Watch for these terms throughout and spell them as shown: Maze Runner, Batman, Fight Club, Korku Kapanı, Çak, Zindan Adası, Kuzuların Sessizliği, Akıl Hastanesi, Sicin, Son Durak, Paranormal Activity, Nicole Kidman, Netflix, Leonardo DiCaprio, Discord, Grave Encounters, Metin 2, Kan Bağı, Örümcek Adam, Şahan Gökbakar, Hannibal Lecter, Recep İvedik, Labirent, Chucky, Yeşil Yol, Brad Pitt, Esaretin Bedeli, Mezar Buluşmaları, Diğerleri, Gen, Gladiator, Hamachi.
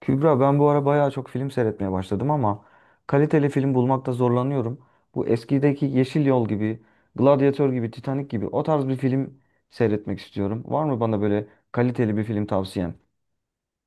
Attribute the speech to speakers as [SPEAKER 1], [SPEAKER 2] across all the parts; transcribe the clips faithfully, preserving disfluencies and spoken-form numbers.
[SPEAKER 1] Kübra ben bu ara bayağı çok film seyretmeye başladım ama kaliteli film bulmakta zorlanıyorum. Bu eskideki Yeşil Yol gibi, Gladiator gibi, Titanic gibi o tarz bir film seyretmek istiyorum. Var mı bana böyle kaliteli bir film tavsiyen?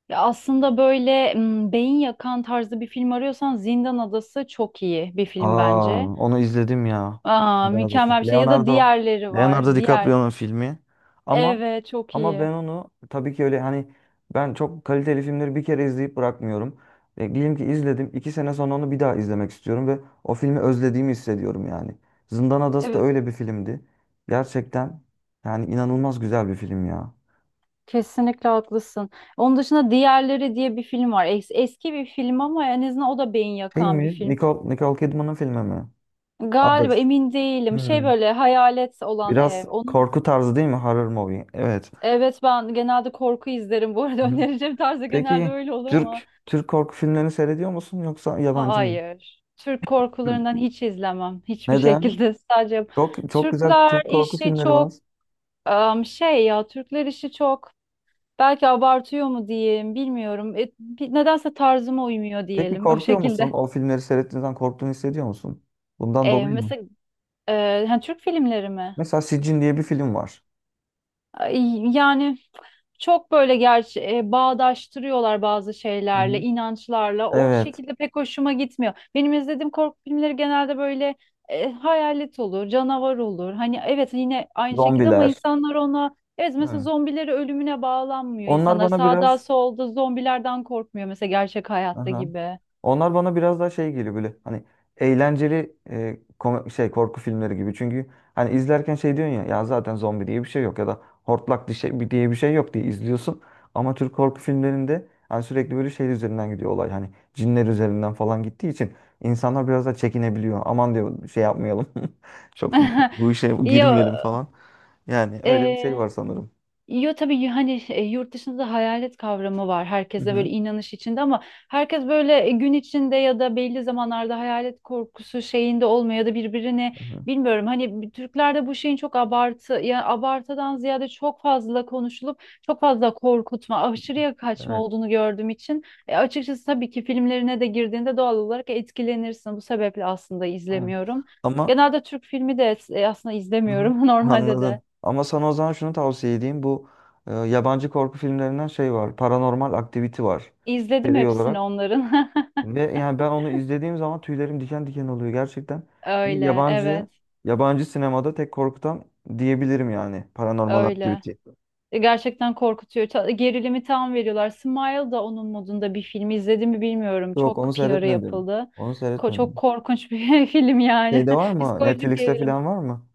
[SPEAKER 2] Ya aslında böyle m, beyin yakan tarzı bir film arıyorsan Zindan Adası çok iyi bir film
[SPEAKER 1] Aa,
[SPEAKER 2] bence.
[SPEAKER 1] onu izledim ya.
[SPEAKER 2] Aa,
[SPEAKER 1] Leonardo.
[SPEAKER 2] mükemmel bir şey. Ya da
[SPEAKER 1] Leonardo.
[SPEAKER 2] diğerleri var.
[SPEAKER 1] Leonardo
[SPEAKER 2] Diğer.
[SPEAKER 1] DiCaprio'nun filmi. Ama
[SPEAKER 2] Evet, çok
[SPEAKER 1] ama
[SPEAKER 2] iyi.
[SPEAKER 1] ben onu tabii ki öyle hani ben çok kaliteli filmleri bir kere izleyip bırakmıyorum. E, diyelim ki izledim. İki sene sonra onu bir daha izlemek istiyorum ve o filmi özlediğimi hissediyorum yani. Zindan Adası da
[SPEAKER 2] Evet,
[SPEAKER 1] öyle bir filmdi. Gerçekten yani inanılmaz güzel bir film ya.
[SPEAKER 2] kesinlikle haklısın. Onun dışında Diğerleri diye bir film var. Es- eski bir film ama en azından o da beyin
[SPEAKER 1] Şey
[SPEAKER 2] yakan bir
[SPEAKER 1] mi?
[SPEAKER 2] film.
[SPEAKER 1] Nicole, Nicole Kidman'ın filmi mi?
[SPEAKER 2] Galiba
[SPEAKER 1] Others.
[SPEAKER 2] emin değilim. Şey
[SPEAKER 1] Hmm.
[SPEAKER 2] böyle hayalet olan
[SPEAKER 1] Biraz
[SPEAKER 2] ev. Onun
[SPEAKER 1] korku tarzı değil mi? Horror movie. Evet.
[SPEAKER 2] evet, ben genelde korku izlerim bu arada önereceğim tarzı genelde
[SPEAKER 1] Peki
[SPEAKER 2] öyle olur ama.
[SPEAKER 1] Türk Türk korku filmlerini seyrediyor musun yoksa yabancı mı?
[SPEAKER 2] Hayır. Türk
[SPEAKER 1] Hı.
[SPEAKER 2] korkularından hiç izlemem. Hiçbir
[SPEAKER 1] Neden?
[SPEAKER 2] şekilde sadece
[SPEAKER 1] Çok çok güzel
[SPEAKER 2] Türkler
[SPEAKER 1] Türk korku
[SPEAKER 2] işi
[SPEAKER 1] filmleri var.
[SPEAKER 2] çok em, şey ya, Türkler işi çok belki abartıyor mu diyeyim bilmiyorum. E, bir- nedense tarzıma uymuyor
[SPEAKER 1] Peki
[SPEAKER 2] diyelim o
[SPEAKER 1] korkuyor
[SPEAKER 2] şekilde.
[SPEAKER 1] musun? O filmleri seyrettiğin zaman korktuğunu hissediyor musun? Bundan
[SPEAKER 2] E,
[SPEAKER 1] dolayı mı?
[SPEAKER 2] mesela e, hani Türk filmleri mi?
[SPEAKER 1] Mesela Sicin diye bir film var.
[SPEAKER 2] Ay, yani çok böyle gerçi e, bağdaştırıyorlar bazı
[SPEAKER 1] Hı
[SPEAKER 2] şeylerle,
[SPEAKER 1] hı.
[SPEAKER 2] inançlarla. O
[SPEAKER 1] Evet.
[SPEAKER 2] şekilde pek hoşuma gitmiyor. Benim izlediğim korku filmleri genelde böyle e, hayalet olur, canavar olur. Hani evet, yine aynı şekilde ama
[SPEAKER 1] Zombiler.
[SPEAKER 2] insanlar ona evet, mesela
[SPEAKER 1] Hı.
[SPEAKER 2] zombileri ölümüne bağlanmıyor
[SPEAKER 1] Onlar
[SPEAKER 2] insanlar.
[SPEAKER 1] bana
[SPEAKER 2] Sağda
[SPEAKER 1] biraz.
[SPEAKER 2] solda zombilerden korkmuyor mesela gerçek hayatta
[SPEAKER 1] Aha.
[SPEAKER 2] gibi.
[SPEAKER 1] Onlar bana biraz daha şey geliyor böyle hani eğlenceli, e, kom- şey korku filmleri gibi. Çünkü hani izlerken şey diyorsun ya, ya zaten zombi diye bir şey yok ya da hortlak diye şey, diye bir şey yok diye izliyorsun. Ama Türk korku filmlerinde hani sürekli böyle şey üzerinden gidiyor olay. Hani cinler üzerinden falan gittiği için insanlar biraz da çekinebiliyor. Aman diyor şey yapmayalım. Çok bu işe
[SPEAKER 2] Ya,
[SPEAKER 1] girmeyelim falan. Yani öyle bir şey
[SPEAKER 2] e,
[SPEAKER 1] var sanırım.
[SPEAKER 2] yo tabii y- hani e, yurt dışında hayalet kavramı var.
[SPEAKER 1] Hı
[SPEAKER 2] Herkeste böyle
[SPEAKER 1] hı.
[SPEAKER 2] inanış içinde ama herkes böyle e, gün içinde ya da belli zamanlarda hayalet korkusu şeyinde olmuyor ya da birbirini
[SPEAKER 1] Hı hı.
[SPEAKER 2] bilmiyorum. Hani bir- Türklerde bu şeyin çok abartı ya abartıdan ziyade çok fazla konuşulup çok fazla korkutma, aşırıya kaçma
[SPEAKER 1] Evet.
[SPEAKER 2] olduğunu gördüğüm için e, açıkçası tabii ki filmlerine de girdiğinde doğal olarak etkilenirsin. Bu sebeple aslında
[SPEAKER 1] Aynen.
[SPEAKER 2] izlemiyorum.
[SPEAKER 1] Ama
[SPEAKER 2] Genelde Türk filmi de e, aslında
[SPEAKER 1] Aha.
[SPEAKER 2] izlemiyorum normalde de.
[SPEAKER 1] Anladım. Ama sana o zaman şunu tavsiye edeyim. Bu e, yabancı korku filmlerinden şey var. Paranormal Activity var.
[SPEAKER 2] İzledim
[SPEAKER 1] Seri
[SPEAKER 2] hepsini
[SPEAKER 1] olarak.
[SPEAKER 2] onların.
[SPEAKER 1] Ve yani ben onu izlediğim zaman tüylerim diken diken oluyor gerçekten. Beni
[SPEAKER 2] Öyle,
[SPEAKER 1] yabancı
[SPEAKER 2] evet,
[SPEAKER 1] yabancı sinemada tek korkutan diyebilirim yani Paranormal
[SPEAKER 2] öyle.
[SPEAKER 1] Activity.
[SPEAKER 2] E, Gerçekten korkutuyor. Ta- Gerilimi tam veriyorlar. Smile da onun modunda bir film. İzledim mi bilmiyorum.
[SPEAKER 1] Yok,
[SPEAKER 2] Çok
[SPEAKER 1] onu
[SPEAKER 2] P R'ı
[SPEAKER 1] seyretmedim.
[SPEAKER 2] yapıldı.
[SPEAKER 1] Onu
[SPEAKER 2] Ko- çok
[SPEAKER 1] seyretmedim.
[SPEAKER 2] korkunç bir film yani.
[SPEAKER 1] Şeyde var mı?
[SPEAKER 2] Psikolojik
[SPEAKER 1] Netflix'te
[SPEAKER 2] gerilim.
[SPEAKER 1] falan var mı?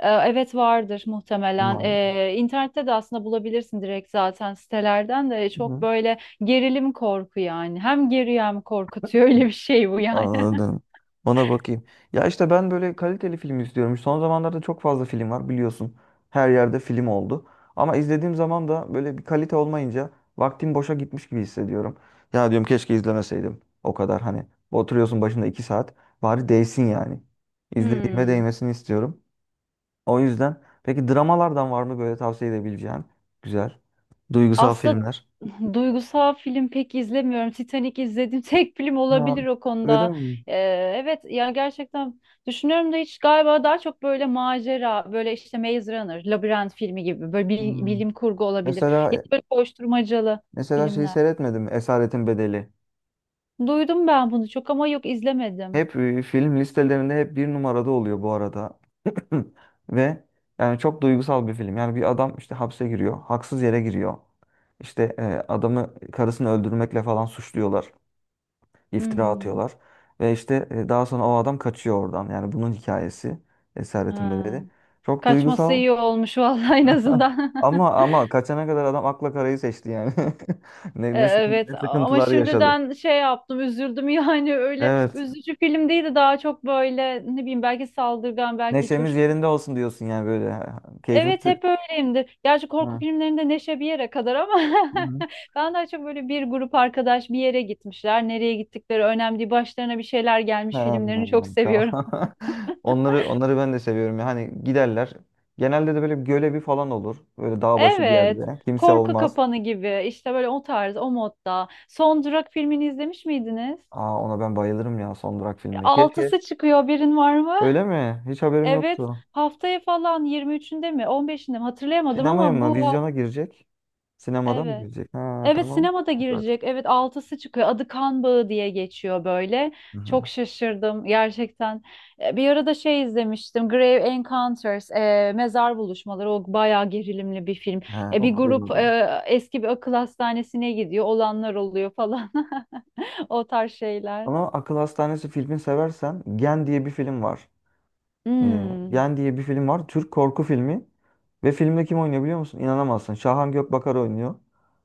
[SPEAKER 2] E, evet, vardır muhtemelen.
[SPEAKER 1] Var.
[SPEAKER 2] E, internette de aslında bulabilirsin direkt zaten sitelerden de E, çok
[SPEAKER 1] Hı.
[SPEAKER 2] böyle gerilim korku yani. Hem geriyor hem korkutuyor. Öyle bir şey bu yani.
[SPEAKER 1] Anladım. Ona bakayım. Ya işte ben böyle kaliteli film istiyorum. Son zamanlarda çok fazla film var biliyorsun. Her yerde film oldu. Ama izlediğim zaman da böyle bir kalite olmayınca vaktim boşa gitmiş gibi hissediyorum. Ya diyorum keşke izlemeseydim. O kadar hani oturuyorsun başında iki saat. Bari değsin yani. İzlediğime
[SPEAKER 2] Hmm.
[SPEAKER 1] değmesini istiyorum. O yüzden peki dramalardan var mı böyle tavsiye edebileceğin? Güzel. Duygusal
[SPEAKER 2] Aslında
[SPEAKER 1] filmler.
[SPEAKER 2] duygusal film pek izlemiyorum. Titanic izlediğim tek film
[SPEAKER 1] Ha,
[SPEAKER 2] olabilir o
[SPEAKER 1] öyle
[SPEAKER 2] konuda.
[SPEAKER 1] mi?
[SPEAKER 2] Ee, evet ya, gerçekten düşünüyorum da hiç galiba daha çok böyle macera, böyle işte Maze Runner, Labirent filmi gibi böyle bil-
[SPEAKER 1] Hmm.
[SPEAKER 2] bilim kurgu olabilir. Ya da
[SPEAKER 1] Mesela
[SPEAKER 2] böyle koşturmacalı
[SPEAKER 1] mesela şeyi
[SPEAKER 2] filmler.
[SPEAKER 1] seyretmedim. Esaretin Bedeli.
[SPEAKER 2] Duydum ben bunu çok ama yok, izlemedim.
[SPEAKER 1] Hep e, film listelerinde hep bir numarada oluyor bu arada. Ve yani çok duygusal bir film. Yani bir adam işte hapse giriyor. Haksız yere giriyor. İşte e, adamı karısını öldürmekle falan suçluyorlar. İftira
[SPEAKER 2] Hmm.
[SPEAKER 1] atıyorlar. Ve işte e, daha sonra o adam kaçıyor oradan. Yani bunun hikayesi Esaretin
[SPEAKER 2] Ha.
[SPEAKER 1] Bedeli. Çok
[SPEAKER 2] Kaçması
[SPEAKER 1] duygusal.
[SPEAKER 2] iyi olmuş vallahi en azından.
[SPEAKER 1] ama ama kaçana kadar adam akla karayı seçti yani. Ne,
[SPEAKER 2] E,
[SPEAKER 1] ne, sıkıntı, ne
[SPEAKER 2] Evet ama
[SPEAKER 1] sıkıntılar yaşadı.
[SPEAKER 2] şimdiden şey yaptım, üzüldüm yani öyle
[SPEAKER 1] Evet.
[SPEAKER 2] üzücü film değildi, daha çok böyle ne bileyim belki saldırgan belki hiç
[SPEAKER 1] Neşemiz
[SPEAKER 2] hoş.
[SPEAKER 1] yerinde olsun diyorsun yani böyle. Ha, Keyfimiz...
[SPEAKER 2] Evet, hep öyleyimdir. Gerçi korku filmlerinde neşe bir yere kadar ama
[SPEAKER 1] Hı hı.
[SPEAKER 2] ben daha çok böyle bir grup arkadaş bir yere gitmişler. Nereye gittikleri önemli değil. Başlarına bir şeyler
[SPEAKER 1] Ha,
[SPEAKER 2] gelmiş filmlerini çok
[SPEAKER 1] anladım, tamam.
[SPEAKER 2] seviyorum.
[SPEAKER 1] Onları onları ben de seviyorum ya. Hani giderler. Genelde de böyle gölevi falan olur. Böyle dağ başı bir
[SPEAKER 2] Evet.
[SPEAKER 1] yerde. Kimse
[SPEAKER 2] Korku
[SPEAKER 1] olmaz.
[SPEAKER 2] Kapanı gibi işte, böyle o tarz o modda. Son Durak filmini izlemiş miydiniz?
[SPEAKER 1] Aa, ona ben bayılırım ya, Son Durak filmi. Keşke.
[SPEAKER 2] Altısı çıkıyor birin var mı?
[SPEAKER 1] Öyle mi? Hiç haberim
[SPEAKER 2] Evet,
[SPEAKER 1] yoktu.
[SPEAKER 2] haftaya falan yirmi üçünde mi on beşinde mi hatırlayamadım
[SPEAKER 1] Sinemaya
[SPEAKER 2] ama bu
[SPEAKER 1] mı?
[SPEAKER 2] haf-
[SPEAKER 1] Vizyona girecek. Sinemada mı
[SPEAKER 2] evet.
[SPEAKER 1] girecek? Ha,
[SPEAKER 2] Evet,
[SPEAKER 1] tamam.
[SPEAKER 2] sinemada
[SPEAKER 1] Süper.
[SPEAKER 2] girecek. Evet, altısı çıkıyor. Adı Kan Bağı diye geçiyor böyle.
[SPEAKER 1] Hı hı.
[SPEAKER 2] Çok şaşırdım gerçekten. E, Bir arada şey izlemiştim. Grave Encounters, e, Mezar Buluşmaları. O bayağı gerilimli bir film.
[SPEAKER 1] He,
[SPEAKER 2] E, bir
[SPEAKER 1] onu
[SPEAKER 2] grup
[SPEAKER 1] duymadım.
[SPEAKER 2] e, eski bir akıl hastanesine gidiyor. Olanlar oluyor falan. O tarz şeyler.
[SPEAKER 1] Ama Akıl Hastanesi filmi seversen Gen diye bir film var. Ee,
[SPEAKER 2] Hmm.
[SPEAKER 1] Gen diye bir film var. Türk korku filmi. Ve filmde kim oynuyor biliyor musun? İnanamazsın. Şahan Gökbakar oynuyor.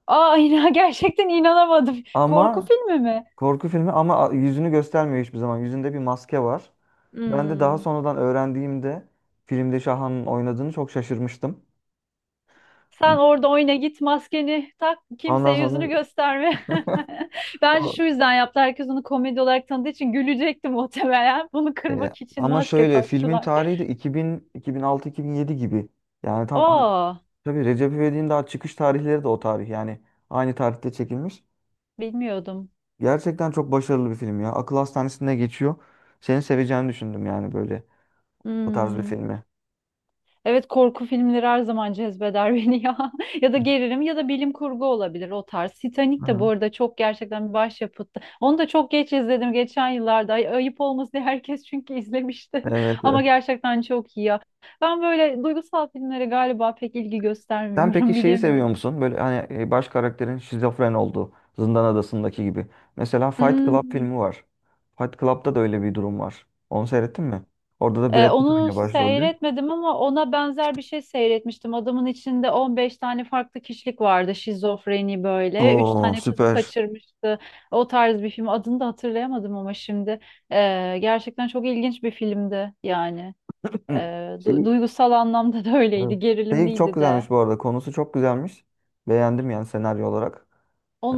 [SPEAKER 2] Aa, inan- gerçekten inanamadım. Korku
[SPEAKER 1] Ama
[SPEAKER 2] filmi mi?
[SPEAKER 1] korku filmi, ama yüzünü göstermiyor hiçbir zaman. Yüzünde bir maske var. Ben de daha
[SPEAKER 2] Hmm.
[SPEAKER 1] sonradan öğrendiğimde filmde Şahan'ın oynadığını çok şaşırmıştım.
[SPEAKER 2] Sen orada oyna, git maskeni tak,
[SPEAKER 1] Ondan
[SPEAKER 2] kimseye yüzünü
[SPEAKER 1] sonra
[SPEAKER 2] gösterme. Bence
[SPEAKER 1] o-
[SPEAKER 2] şu yüzden yaptı. Herkes onu komedi olarak tanıdığı için gülecekti muhtemelen. Bunu
[SPEAKER 1] e,
[SPEAKER 2] kırmak için
[SPEAKER 1] ama
[SPEAKER 2] maske
[SPEAKER 1] şöyle filmin
[SPEAKER 2] taktılar.
[SPEAKER 1] tarihi de iki bin iki bin altı-iki bin yedi gibi. Yani tam ha-
[SPEAKER 2] Aa,
[SPEAKER 1] tabii Recep İvedik'in daha çıkış tarihleri de o tarih yani aynı tarihte çekilmiş.
[SPEAKER 2] bilmiyordum.
[SPEAKER 1] Gerçekten çok başarılı bir film ya. Akıl hastanesinde geçiyor. Seni seveceğini düşündüm yani böyle o tarz bir
[SPEAKER 2] Hmm.
[SPEAKER 1] filmi.
[SPEAKER 2] Evet, korku filmleri her zaman cezbeder beni ya. Ya da gerilim ya da bilim kurgu olabilir o tarz.
[SPEAKER 1] Hı
[SPEAKER 2] Titanic de bu
[SPEAKER 1] hı.
[SPEAKER 2] arada çok gerçekten bir başyapıttı. Onu da çok geç izledim geçen yıllarda. Ay- Ayıp olmasın diye herkes çünkü izlemişti.
[SPEAKER 1] Evet.
[SPEAKER 2] Ama gerçekten çok iyi ya. Ben böyle duygusal filmlere galiba pek ilgi
[SPEAKER 1] Sen peki
[SPEAKER 2] göstermiyorum
[SPEAKER 1] şeyi seviyor
[SPEAKER 2] bilemiyorum.
[SPEAKER 1] musun? Böyle hani, e, baş karakterin şizofren olduğu Zindan Adası'ndaki gibi. Mesela Fight Club
[SPEAKER 2] Hmm.
[SPEAKER 1] filmi var. Fight Club'da da öyle bir durum var. Onu seyrettin mi? Orada da
[SPEAKER 2] Ee,
[SPEAKER 1] Brad Pitt
[SPEAKER 2] onu
[SPEAKER 1] oynuyor başrolde.
[SPEAKER 2] seyretmedim ama ona benzer bir şey seyretmiştim. Adamın içinde on beş tane farklı kişilik vardı. Şizofreni böyle. Üç
[SPEAKER 1] Oo,
[SPEAKER 2] tane kızı
[SPEAKER 1] süper.
[SPEAKER 2] kaçırmıştı. O tarz bir film. Adını da hatırlayamadım ama şimdi. Ee, gerçekten çok ilginç bir filmdi yani. Ee,
[SPEAKER 1] Hı.
[SPEAKER 2] du-
[SPEAKER 1] Şey,
[SPEAKER 2] Duygusal anlamda da
[SPEAKER 1] evet.
[SPEAKER 2] öyleydi.
[SPEAKER 1] Şey çok
[SPEAKER 2] Gerilimliydi de.
[SPEAKER 1] güzelmiş bu arada. Konusu çok güzelmiş. Beğendim yani senaryo olarak.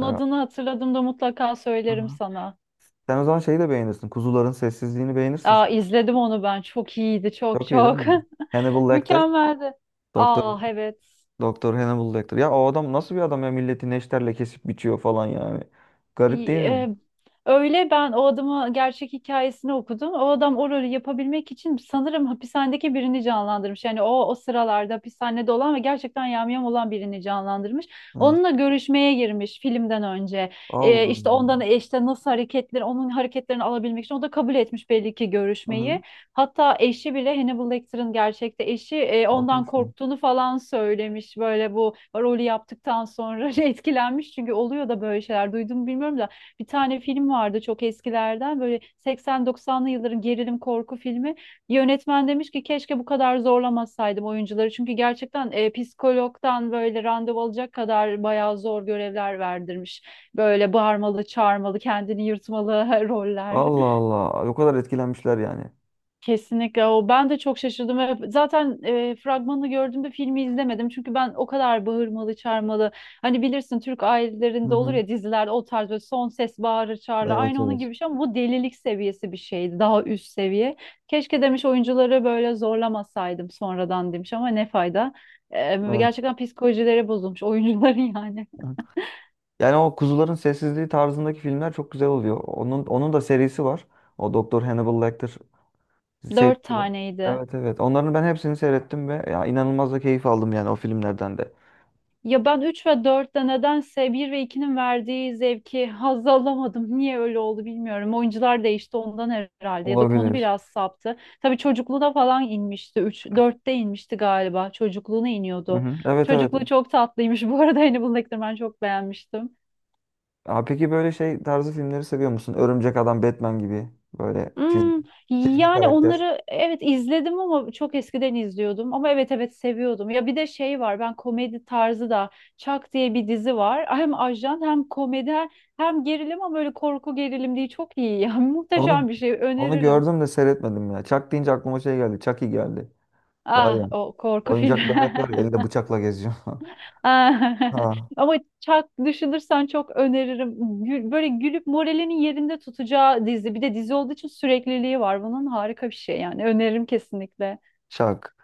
[SPEAKER 1] Ee,
[SPEAKER 2] adını hatırladığımda mutlaka söylerim
[SPEAKER 1] aha.
[SPEAKER 2] sana.
[SPEAKER 1] Sen o zaman şeyi de beğenirsin. Kuzuların Sessizliğini beğenirsin
[SPEAKER 2] Aa,
[SPEAKER 1] sen.
[SPEAKER 2] izledim onu ben. Çok iyiydi. Çok
[SPEAKER 1] Çok iyi değil
[SPEAKER 2] çok.
[SPEAKER 1] mi? Hannibal Lecter.
[SPEAKER 2] Mükemmeldi.
[SPEAKER 1] doktor
[SPEAKER 2] Aa, evet.
[SPEAKER 1] Doktor Hannibal Lecter. Ya o adam nasıl bir adam ya, milleti neşterle kesip biçiyor falan yani. Garip değil mi?
[SPEAKER 2] e, Öyle ben o adamı gerçek hikayesini okudum. O adam o rolü yapabilmek için sanırım hapishanedeki birini canlandırmış. Yani o o sıralarda hapishanede olan ve gerçekten yamyam olan birini canlandırmış.
[SPEAKER 1] Ha.
[SPEAKER 2] Onunla görüşmeye girmiş filmden önce.
[SPEAKER 1] Allah
[SPEAKER 2] E, işte
[SPEAKER 1] Allah.
[SPEAKER 2] ondan, işte nasıl hareketleri, onun hareketlerini alabilmek için o da kabul etmiş belli ki
[SPEAKER 1] Hı-hı.
[SPEAKER 2] görüşmeyi. Hatta eşi bile Hannibal Lecter'ın gerçekte eşi e, ondan
[SPEAKER 1] Haklısın.
[SPEAKER 2] korktuğunu falan söylemiş. Böyle bu rolü yaptıktan sonra etkilenmiş. Çünkü oluyor da böyle şeyler. Duydum mu bilmiyorum da bir tane film vardı çok eskilerden. Böyle seksen doksanlı yılların gerilim korku filmi. Yönetmen demiş ki keşke bu kadar zorlamasaydım oyuncuları. Çünkü gerçekten e, psikologdan böyle randevu alacak kadar bayağı zor görevler verdirmiş. Böyle bağırmalı, çağırmalı, kendini yırtmalı roller.
[SPEAKER 1] Allah Allah. O kadar etkilenmişler yani.
[SPEAKER 2] Kesinlikle o. Ben de çok şaşırdım ve zaten e, fragmanını gördüğümde filmi izlemedim. Çünkü ben o kadar bağırmalı, çağırmalı. Hani bilirsin Türk ailelerinde olur
[SPEAKER 1] Hı-hı.
[SPEAKER 2] ya dizilerde o tarz böyle son ses bağırır çağırır.
[SPEAKER 1] Evet,
[SPEAKER 2] Aynı onun
[SPEAKER 1] evet.
[SPEAKER 2] gibi bir şey ama bu delilik seviyesi bir şeydi. Daha üst seviye. Keşke demiş, oyuncuları böyle zorlamasaydım sonradan demiş ama ne fayda. E,
[SPEAKER 1] Evet.
[SPEAKER 2] gerçekten psikolojileri bozulmuş oyuncuların yani.
[SPEAKER 1] Hı. Yani o Kuzuların Sessizliği tarzındaki filmler çok güzel oluyor. Onun onun da serisi var. O Doktor Hannibal Lecter
[SPEAKER 2] Dört
[SPEAKER 1] serisi var.
[SPEAKER 2] taneydi.
[SPEAKER 1] Evet, evet. Onların ben hepsini seyrettim ve ya inanılmaz da keyif aldım yani o filmlerden de.
[SPEAKER 2] Ya ben üç ve dörtte nedense bir ve ikinin verdiği zevki haz alamadım. Niye öyle oldu bilmiyorum. Oyuncular değişti ondan herhalde ya da konu
[SPEAKER 1] Olabilir.
[SPEAKER 2] biraz saptı. Tabii çocukluğuna falan inmişti. Üç dörtte inmişti galiba. Çocukluğuna
[SPEAKER 1] Hı
[SPEAKER 2] iniyordu.
[SPEAKER 1] hı. Evet, evet.
[SPEAKER 2] Çocukluğu çok tatlıymış. Bu arada Hannibal Lecter ben çok beğenmiştim.
[SPEAKER 1] Aa, peki böyle şey tarzı filmleri seviyor musun? Örümcek Adam, Batman gibi, böyle çizgi,
[SPEAKER 2] Hmm,
[SPEAKER 1] çizgi
[SPEAKER 2] yani
[SPEAKER 1] karakter.
[SPEAKER 2] onları evet izledim ama çok eskiden izliyordum ama evet evet seviyordum. Ya bir de şey var, ben komedi tarzı da Çak diye bir dizi var. Hem ajan hem komedi hem hem gerilim ama böyle korku gerilim değil, çok iyi yani.
[SPEAKER 1] Onu
[SPEAKER 2] Muhteşem bir şey,
[SPEAKER 1] onu
[SPEAKER 2] öneririm.
[SPEAKER 1] gördüm de seyretmedim ya. Chuck deyince aklıma şey geldi. Chucky geldi. Var ya.
[SPEAKER 2] Ah, o korku filmi.
[SPEAKER 1] Oyuncak bebek var ya, elinde bıçakla geziyor.
[SPEAKER 2] Ah,
[SPEAKER 1] Ha,
[SPEAKER 2] ama Çak düşünürsen çok öneririm. Gül- böyle gülüp moralinin yerinde tutacağı dizi. Bir de dizi olduğu için sürekliliği var. Bunun harika bir şey yani, öneririm kesinlikle.
[SPEAKER 1] Chuck.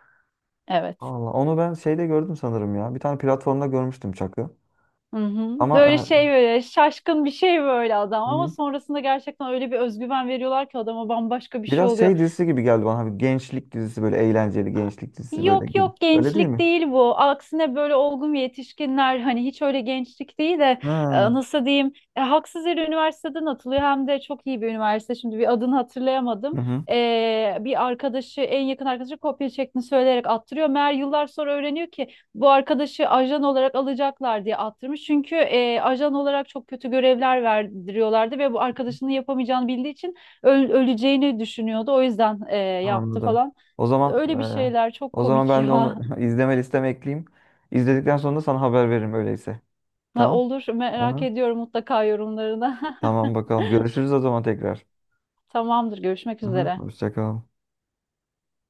[SPEAKER 2] Evet.
[SPEAKER 1] Allah, onu ben şeyde gördüm sanırım ya. Bir tane platformda görmüştüm Chuck'ı.
[SPEAKER 2] Hı hı.
[SPEAKER 1] Ama
[SPEAKER 2] Böyle şey böyle şaşkın bir şey böyle adam
[SPEAKER 1] e, hı
[SPEAKER 2] ama
[SPEAKER 1] hı,
[SPEAKER 2] sonrasında gerçekten öyle bir özgüven veriyorlar ki adama bambaşka bir şey
[SPEAKER 1] biraz
[SPEAKER 2] oluyor.
[SPEAKER 1] şey dizisi gibi geldi bana. Bir gençlik dizisi, böyle eğlenceli gençlik dizisi böyle
[SPEAKER 2] Yok
[SPEAKER 1] gibi.
[SPEAKER 2] yok,
[SPEAKER 1] Öyle değil
[SPEAKER 2] gençlik
[SPEAKER 1] mi?
[SPEAKER 2] değil bu. Aksine böyle olgun yetişkinler, hani hiç öyle gençlik değil de e,
[SPEAKER 1] Ha.
[SPEAKER 2] nasıl diyeyim, e, haksız yere üniversiteden atılıyor hem de çok iyi bir üniversite. Şimdi bir adını hatırlayamadım.
[SPEAKER 1] Hı hı.
[SPEAKER 2] E, bir arkadaşı, en yakın arkadaşı kopya çektiğini söyleyerek attırıyor. Meğer yıllar sonra öğreniyor ki bu arkadaşı ajan olarak alacaklar diye attırmış. Çünkü e, ajan olarak çok kötü görevler verdiriyorlardı ve bu arkadaşının yapamayacağını bildiği için öl- öleceğini düşünüyordu. O yüzden e, yaptı
[SPEAKER 1] Anladım.
[SPEAKER 2] falan.
[SPEAKER 1] O zaman
[SPEAKER 2] Öyle bir
[SPEAKER 1] e,
[SPEAKER 2] şeyler çok
[SPEAKER 1] o zaman
[SPEAKER 2] komik
[SPEAKER 1] ben de onu
[SPEAKER 2] ya.
[SPEAKER 1] izleme listeme ekleyeyim. İzledikten sonra da sana haber veririm öyleyse.
[SPEAKER 2] Ha,
[SPEAKER 1] Tamam?
[SPEAKER 2] olur, merak
[SPEAKER 1] Aha.
[SPEAKER 2] ediyorum mutlaka yorumlarını.
[SPEAKER 1] Tamam, bakalım. Görüşürüz o zaman tekrar.
[SPEAKER 2] Tamamdır, görüşmek
[SPEAKER 1] Aha.
[SPEAKER 2] üzere.
[SPEAKER 1] Hoşça kal.